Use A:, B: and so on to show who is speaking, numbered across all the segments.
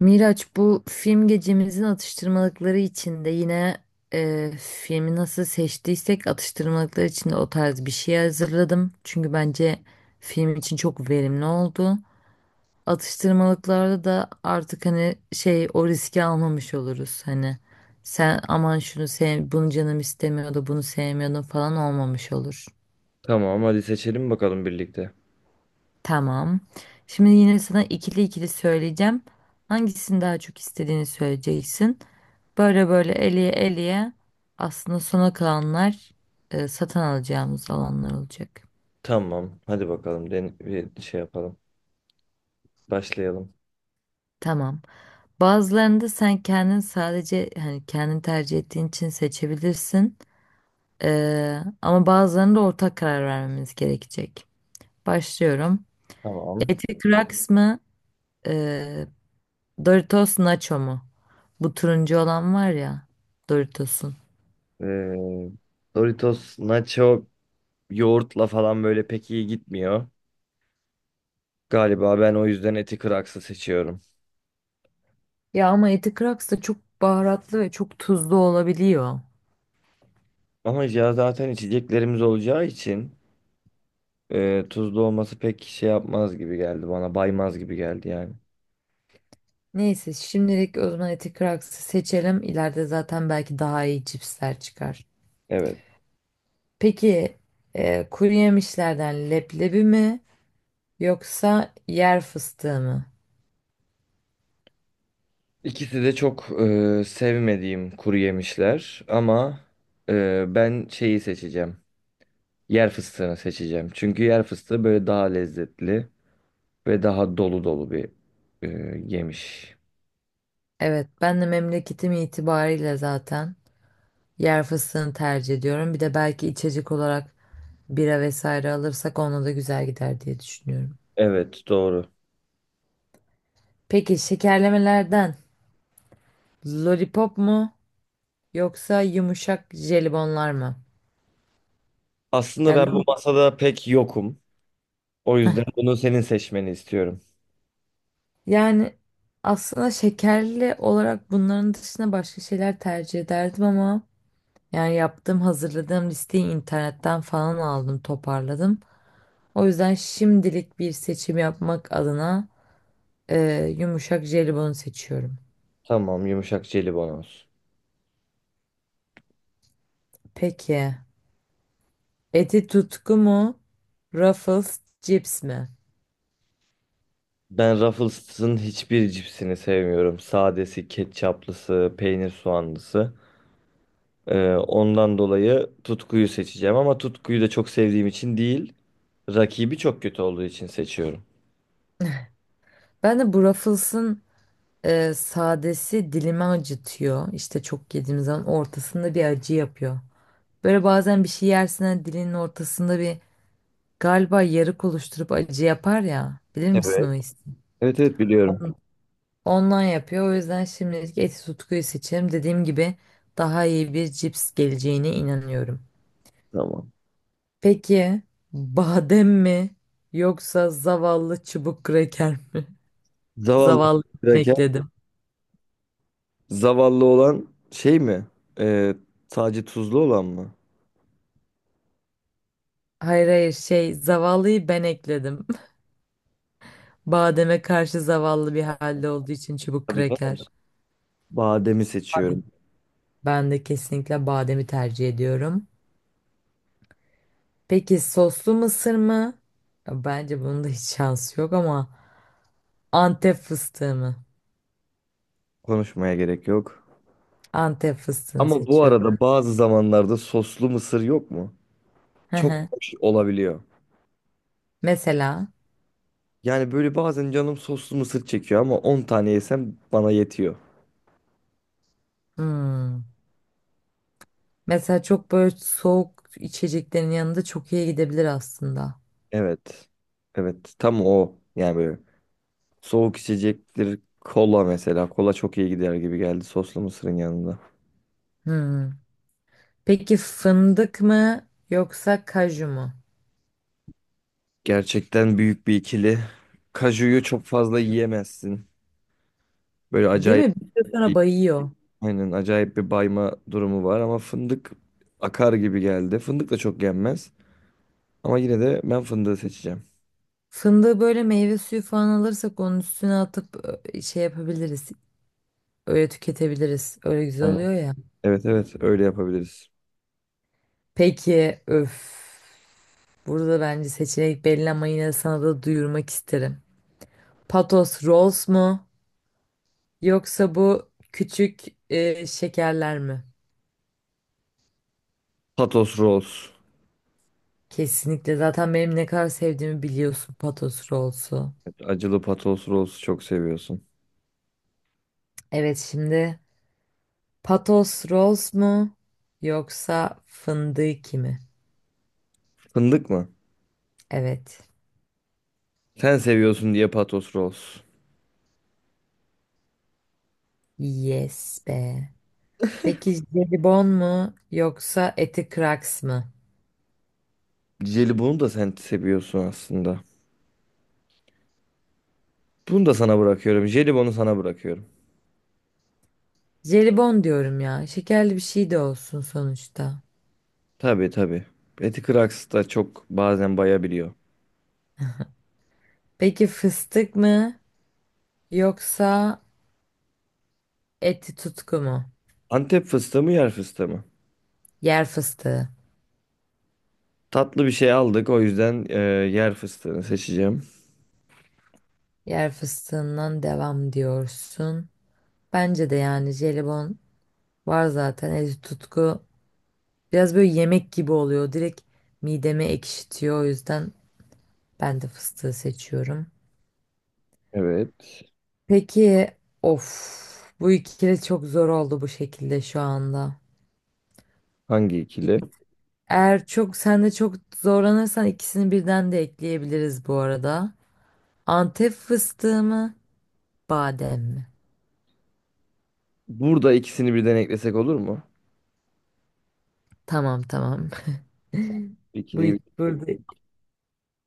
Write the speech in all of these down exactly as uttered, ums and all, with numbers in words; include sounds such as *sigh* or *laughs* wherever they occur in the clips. A: Miraç, bu film gecemizin atıştırmalıkları içinde yine e, filmi nasıl seçtiysek atıştırmalıklar içinde o tarz bir şey hazırladım. Çünkü bence film için çok verimli oldu. Atıştırmalıklarda da artık hani şey o riski almamış oluruz. Hani sen aman şunu sev, bunu canım istemiyordu, bunu sevmiyordum falan olmamış olur.
B: Tamam, hadi seçelim bakalım birlikte.
A: Tamam. Şimdi yine sana ikili ikili söyleyeceğim. Hangisini daha çok istediğini söyleyeceksin. Böyle böyle eleye eleye aslında sona kalanlar e, satın alacağımız alanlar olacak.
B: Tamam, hadi bakalım den bir şey yapalım. Başlayalım.
A: Tamam. Bazılarını da sen kendin sadece hani kendin tercih ettiğin için seçebilirsin. Ee, ama bazılarını da ortak karar vermemiz gerekecek. Başlıyorum.
B: Tamam.
A: Eti kıraks mı? e, Doritos Nacho mu? Bu turuncu olan var ya, Doritos'un.
B: Ee, Doritos nacho yoğurtla falan böyle pek iyi gitmiyor. Galiba ben o yüzden eti kraksı seçiyorum.
A: Ya ama eti Kraks da çok baharatlı ve çok tuzlu olabiliyor.
B: Ama ya zaten içeceklerimiz olacağı için e, tuzlu olması pek şey yapmaz gibi geldi bana. Baymaz gibi geldi yani.
A: Neyse şimdilik o zaman eti Kraks'ı seçelim. İleride zaten belki daha iyi cipsler çıkar.
B: Evet.
A: Peki, e, kuru yemişlerden leblebi mi yoksa yer fıstığı mı?
B: İkisi de çok e, sevmediğim kuru yemişler ama e, ben şeyi seçeceğim. Yer fıstığını seçeceğim. Çünkü yer fıstığı böyle daha lezzetli ve daha dolu dolu bir e, yemiş.
A: Evet, ben de memleketim itibariyle zaten yer fıstığını tercih ediyorum. Bir de belki içecek olarak bira vesaire alırsak ona da güzel gider diye düşünüyorum.
B: Evet, doğru.
A: Peki şekerlemelerden lollipop mu yoksa yumuşak jelibonlar mı?
B: Aslında
A: Yani,
B: ben bu masada pek yokum. O yüzden bunu senin seçmeni istiyorum.
A: yani aslında şekerli olarak bunların dışında başka şeyler tercih ederdim ama yani yaptığım hazırladığım listeyi internetten falan aldım, toparladım. O yüzden şimdilik bir seçim yapmak adına e, yumuşak jelibonu seçiyorum.
B: Tamam, yumuşak jelibon olsun.
A: Peki Eti Tutku mu, Ruffles cips mi?
B: Ben Ruffles'ın hiçbir cipsini sevmiyorum. Sadesi, ketçaplısı, peynir soğanlısı. Ee, ondan dolayı Tutku'yu seçeceğim ama Tutku'yu da çok sevdiğim için değil, rakibi çok kötü olduğu için seçiyorum.
A: Ben de bu Ruffles'ın e, sadesi dilimi acıtıyor. İşte çok yediğim zaman ortasında bir acı yapıyor. Böyle bazen bir şey yersin, hani dilinin ortasında bir galiba yarık oluşturup acı yapar ya. Bilir misin
B: Evet.
A: o hissi?
B: Evet evet, biliyorum.
A: Ondan yapıyor. O yüzden şimdilik eti tutkuyu seçerim. Dediğim gibi daha iyi bir cips geleceğine inanıyorum.
B: Tamam.
A: Peki badem mi yoksa zavallı çubuk kraker mi? *laughs*
B: Zavallı
A: Zavallı
B: kraker.
A: ekledim.
B: Zavallı olan şey mi? Ee, Sadece tuzlu olan mı?
A: Hayır hayır, şey, zavallıyı ben ekledim. Bademe karşı zavallı bir halde olduğu için çubuk
B: Tabii canım.
A: kraker.
B: Bademi seçiyorum.
A: Ben de kesinlikle bademi tercih ediyorum. Peki, soslu mısır mı? Ya bence bunun da hiç şansı yok ama Antep fıstığı mı?
B: Konuşmaya gerek yok.
A: Antep fıstığını
B: Ama bu
A: seçiyorum.
B: arada bazı zamanlarda soslu mısır yok mu?
A: Hı
B: Çok
A: hı.
B: hoş olabiliyor.
A: Mesela
B: Yani böyle bazen canım soslu mısır çekiyor ama on tane yesem bana yetiyor.
A: hmm, mesela çok böyle soğuk içeceklerin yanında çok iyi gidebilir aslında.
B: Evet. Evet, tam o. Yani böyle soğuk içecektir. Kola mesela. Kola çok iyi gider gibi geldi soslu mısırın yanında.
A: Hmm. Peki fındık mı yoksa kaju mu?
B: Gerçekten büyük bir ikili. Kaju'yu çok fazla yiyemezsin. Böyle
A: Değil
B: acayip
A: mi? Bir süre sonra
B: bir,
A: bayıyor.
B: aynen acayip bir bayma durumu var ama fındık akar gibi geldi. Fındık da çok yenmez ama yine de ben fındığı seçeceğim.
A: Fındığı böyle meyve suyu falan alırsak onun üstüne atıp ö, şey yapabiliriz. Öyle tüketebiliriz. Öyle güzel
B: Aynen.
A: oluyor ya.
B: Evet evet, öyle yapabiliriz.
A: Peki, öf. Burada bence seçenek belli ama yine de sana da duyurmak isterim. Patos Rolls mu? Yoksa bu küçük e, şekerler mi?
B: Patos rolls.
A: Kesinlikle. Zaten benim ne kadar sevdiğimi biliyorsun Patos Rolls'u.
B: Evet, acılı patos rolls çok seviyorsun.
A: Evet, şimdi Patos Rolls mu? Yoksa fındık mi?
B: Fındık mı?
A: Evet.
B: Sen seviyorsun diye patos rolls.
A: Yes be. Peki jelibon mu yoksa eti kraks mı?
B: Jelibonu da sen seviyorsun aslında. Bunu da sana bırakıyorum. Jelibonu sana bırakıyorum.
A: Jelibon diyorum ya. Şekerli bir şey de olsun sonuçta.
B: Tabii tabii. Eti kıraksı da çok bazen bayabiliyor.
A: Peki fıstık mı yoksa eti tutku mu?
B: Antep fıstığı mı, yer fıstığı mı?
A: Yer fıstığı.
B: Tatlı bir şey aldık, o yüzden e, yer fıstığını seçeceğim.
A: Yer fıstığından devam diyorsun. Bence de yani jelibon var zaten, eti tutku biraz böyle yemek gibi oluyor. Direkt mideme ekşitiyor. O yüzden ben de fıstığı seçiyorum.
B: Evet.
A: Peki, of, bu ikili çok zor oldu bu şekilde şu anda.
B: Hangi
A: İ-
B: ikili?
A: Eğer çok sen de çok zorlanırsan ikisini birden de ekleyebiliriz bu arada. Antep fıstığı mı, badem mi?
B: Burada ikisini birden eklesek olur mu?
A: Tamam tamam. *laughs* Bu
B: İkiliyi
A: ik-
B: bir.
A: burada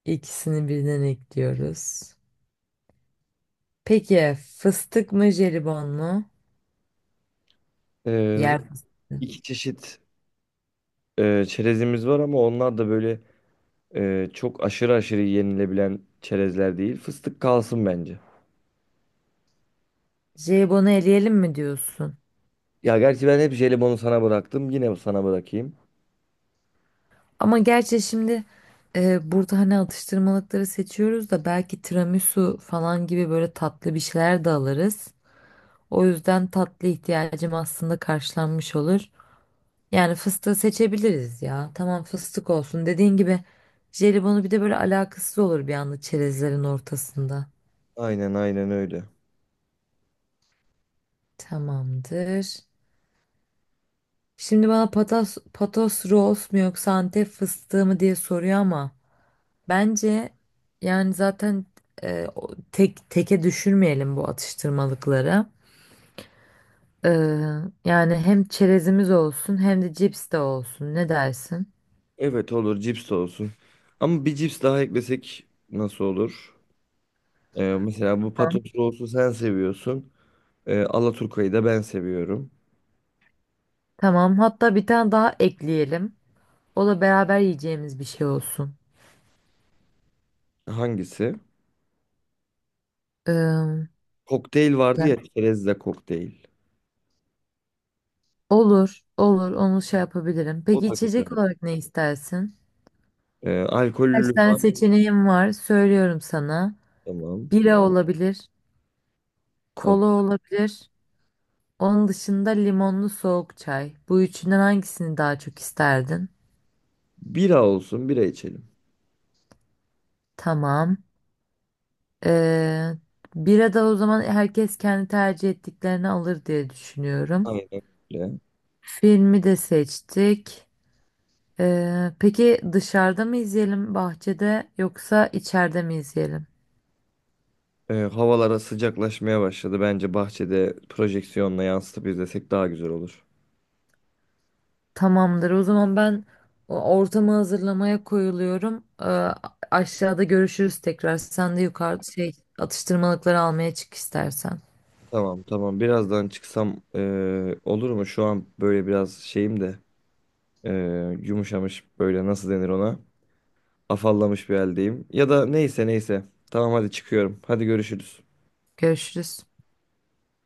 A: ikisini birden ekliyoruz. Peki fıstık mı, jelibon mu?
B: E,
A: Yer fıstığı.
B: iki çeşit e, çerezimiz var ama onlar da böyle e, çok aşırı aşırı yenilebilen çerezler değil. Fıstık kalsın bence.
A: Jelibonu eleyelim mi diyorsun?
B: Ya gerçi ben hep jelibonu sana bıraktım. Yine sana bırakayım.
A: Ama gerçi şimdi e, burada hani atıştırmalıkları seçiyoruz da belki tiramisu falan gibi böyle tatlı bir şeyler de alırız. O yüzden tatlı ihtiyacım aslında karşılanmış olur. Yani fıstığı seçebiliriz ya. Tamam, fıstık olsun. Dediğin gibi jelibonu bir de böyle alakasız olur bir anda çerezlerin ortasında.
B: Aynen aynen öyle.
A: Tamamdır. Şimdi bana patas, patos rolls mu yoksa Antep fıstığı mı diye soruyor ama. Bence yani zaten, e, o- tek teke düşürmeyelim bu atıştırmalıkları. E, Yani hem çerezimiz olsun hem de cips de olsun. Ne dersin?
B: Evet, olur, cips de olsun. Ama bir cips daha eklesek nasıl olur? Ee, mesela bu Patos
A: Tamam.
B: Rose'u sen seviyorsun. Ee, Alaturka'yı da ben seviyorum.
A: Tamam. Hatta bir tane daha ekleyelim. O da beraber yiyeceğimiz bir şey olsun.
B: Hangisi?
A: E,
B: Kokteyl vardı
A: Ya,
B: ya, çerezle kokteyl.
A: olur, olur. Onu şey yapabilirim.
B: O
A: Peki
B: da
A: içecek
B: güzel.
A: olarak ne istersin?
B: Ee,
A: Kaç
B: alkollü
A: tane
B: var.
A: seçeneğim var? Söylüyorum sana.
B: Tamam.
A: Bira olabilir,
B: Tamam.
A: kola olabilir. Onun dışında limonlu soğuk çay. Bu üçünden hangisini daha çok isterdin?
B: Bira olsun, bira içelim.
A: Tamam. Ee, Bira da o zaman herkes kendi tercih ettiklerini alır diye düşünüyorum.
B: Aynen öyle.
A: Filmi de seçtik. Ee, peki dışarıda mı izleyelim bahçede yoksa içeride mi izleyelim?
B: Ee, havalara sıcaklaşmaya başladı. Bence bahçede projeksiyonla yansıtıp izlesek daha güzel olur.
A: Tamamdır. O zaman ben o- ortamı hazırlamaya koyuluyorum. Ee, aşağıda görüşürüz tekrar. Sen de yukarıda şey, atıştırmalıkları almaya çık istersen.
B: Tamam tamam. Birazdan çıksam ee, olur mu? Şu an böyle biraz şeyim de ee, yumuşamış, böyle nasıl denir ona? Afallamış bir haldeyim. Ya da neyse neyse. Tamam, hadi çıkıyorum. Hadi görüşürüz.
A: Görüşürüz.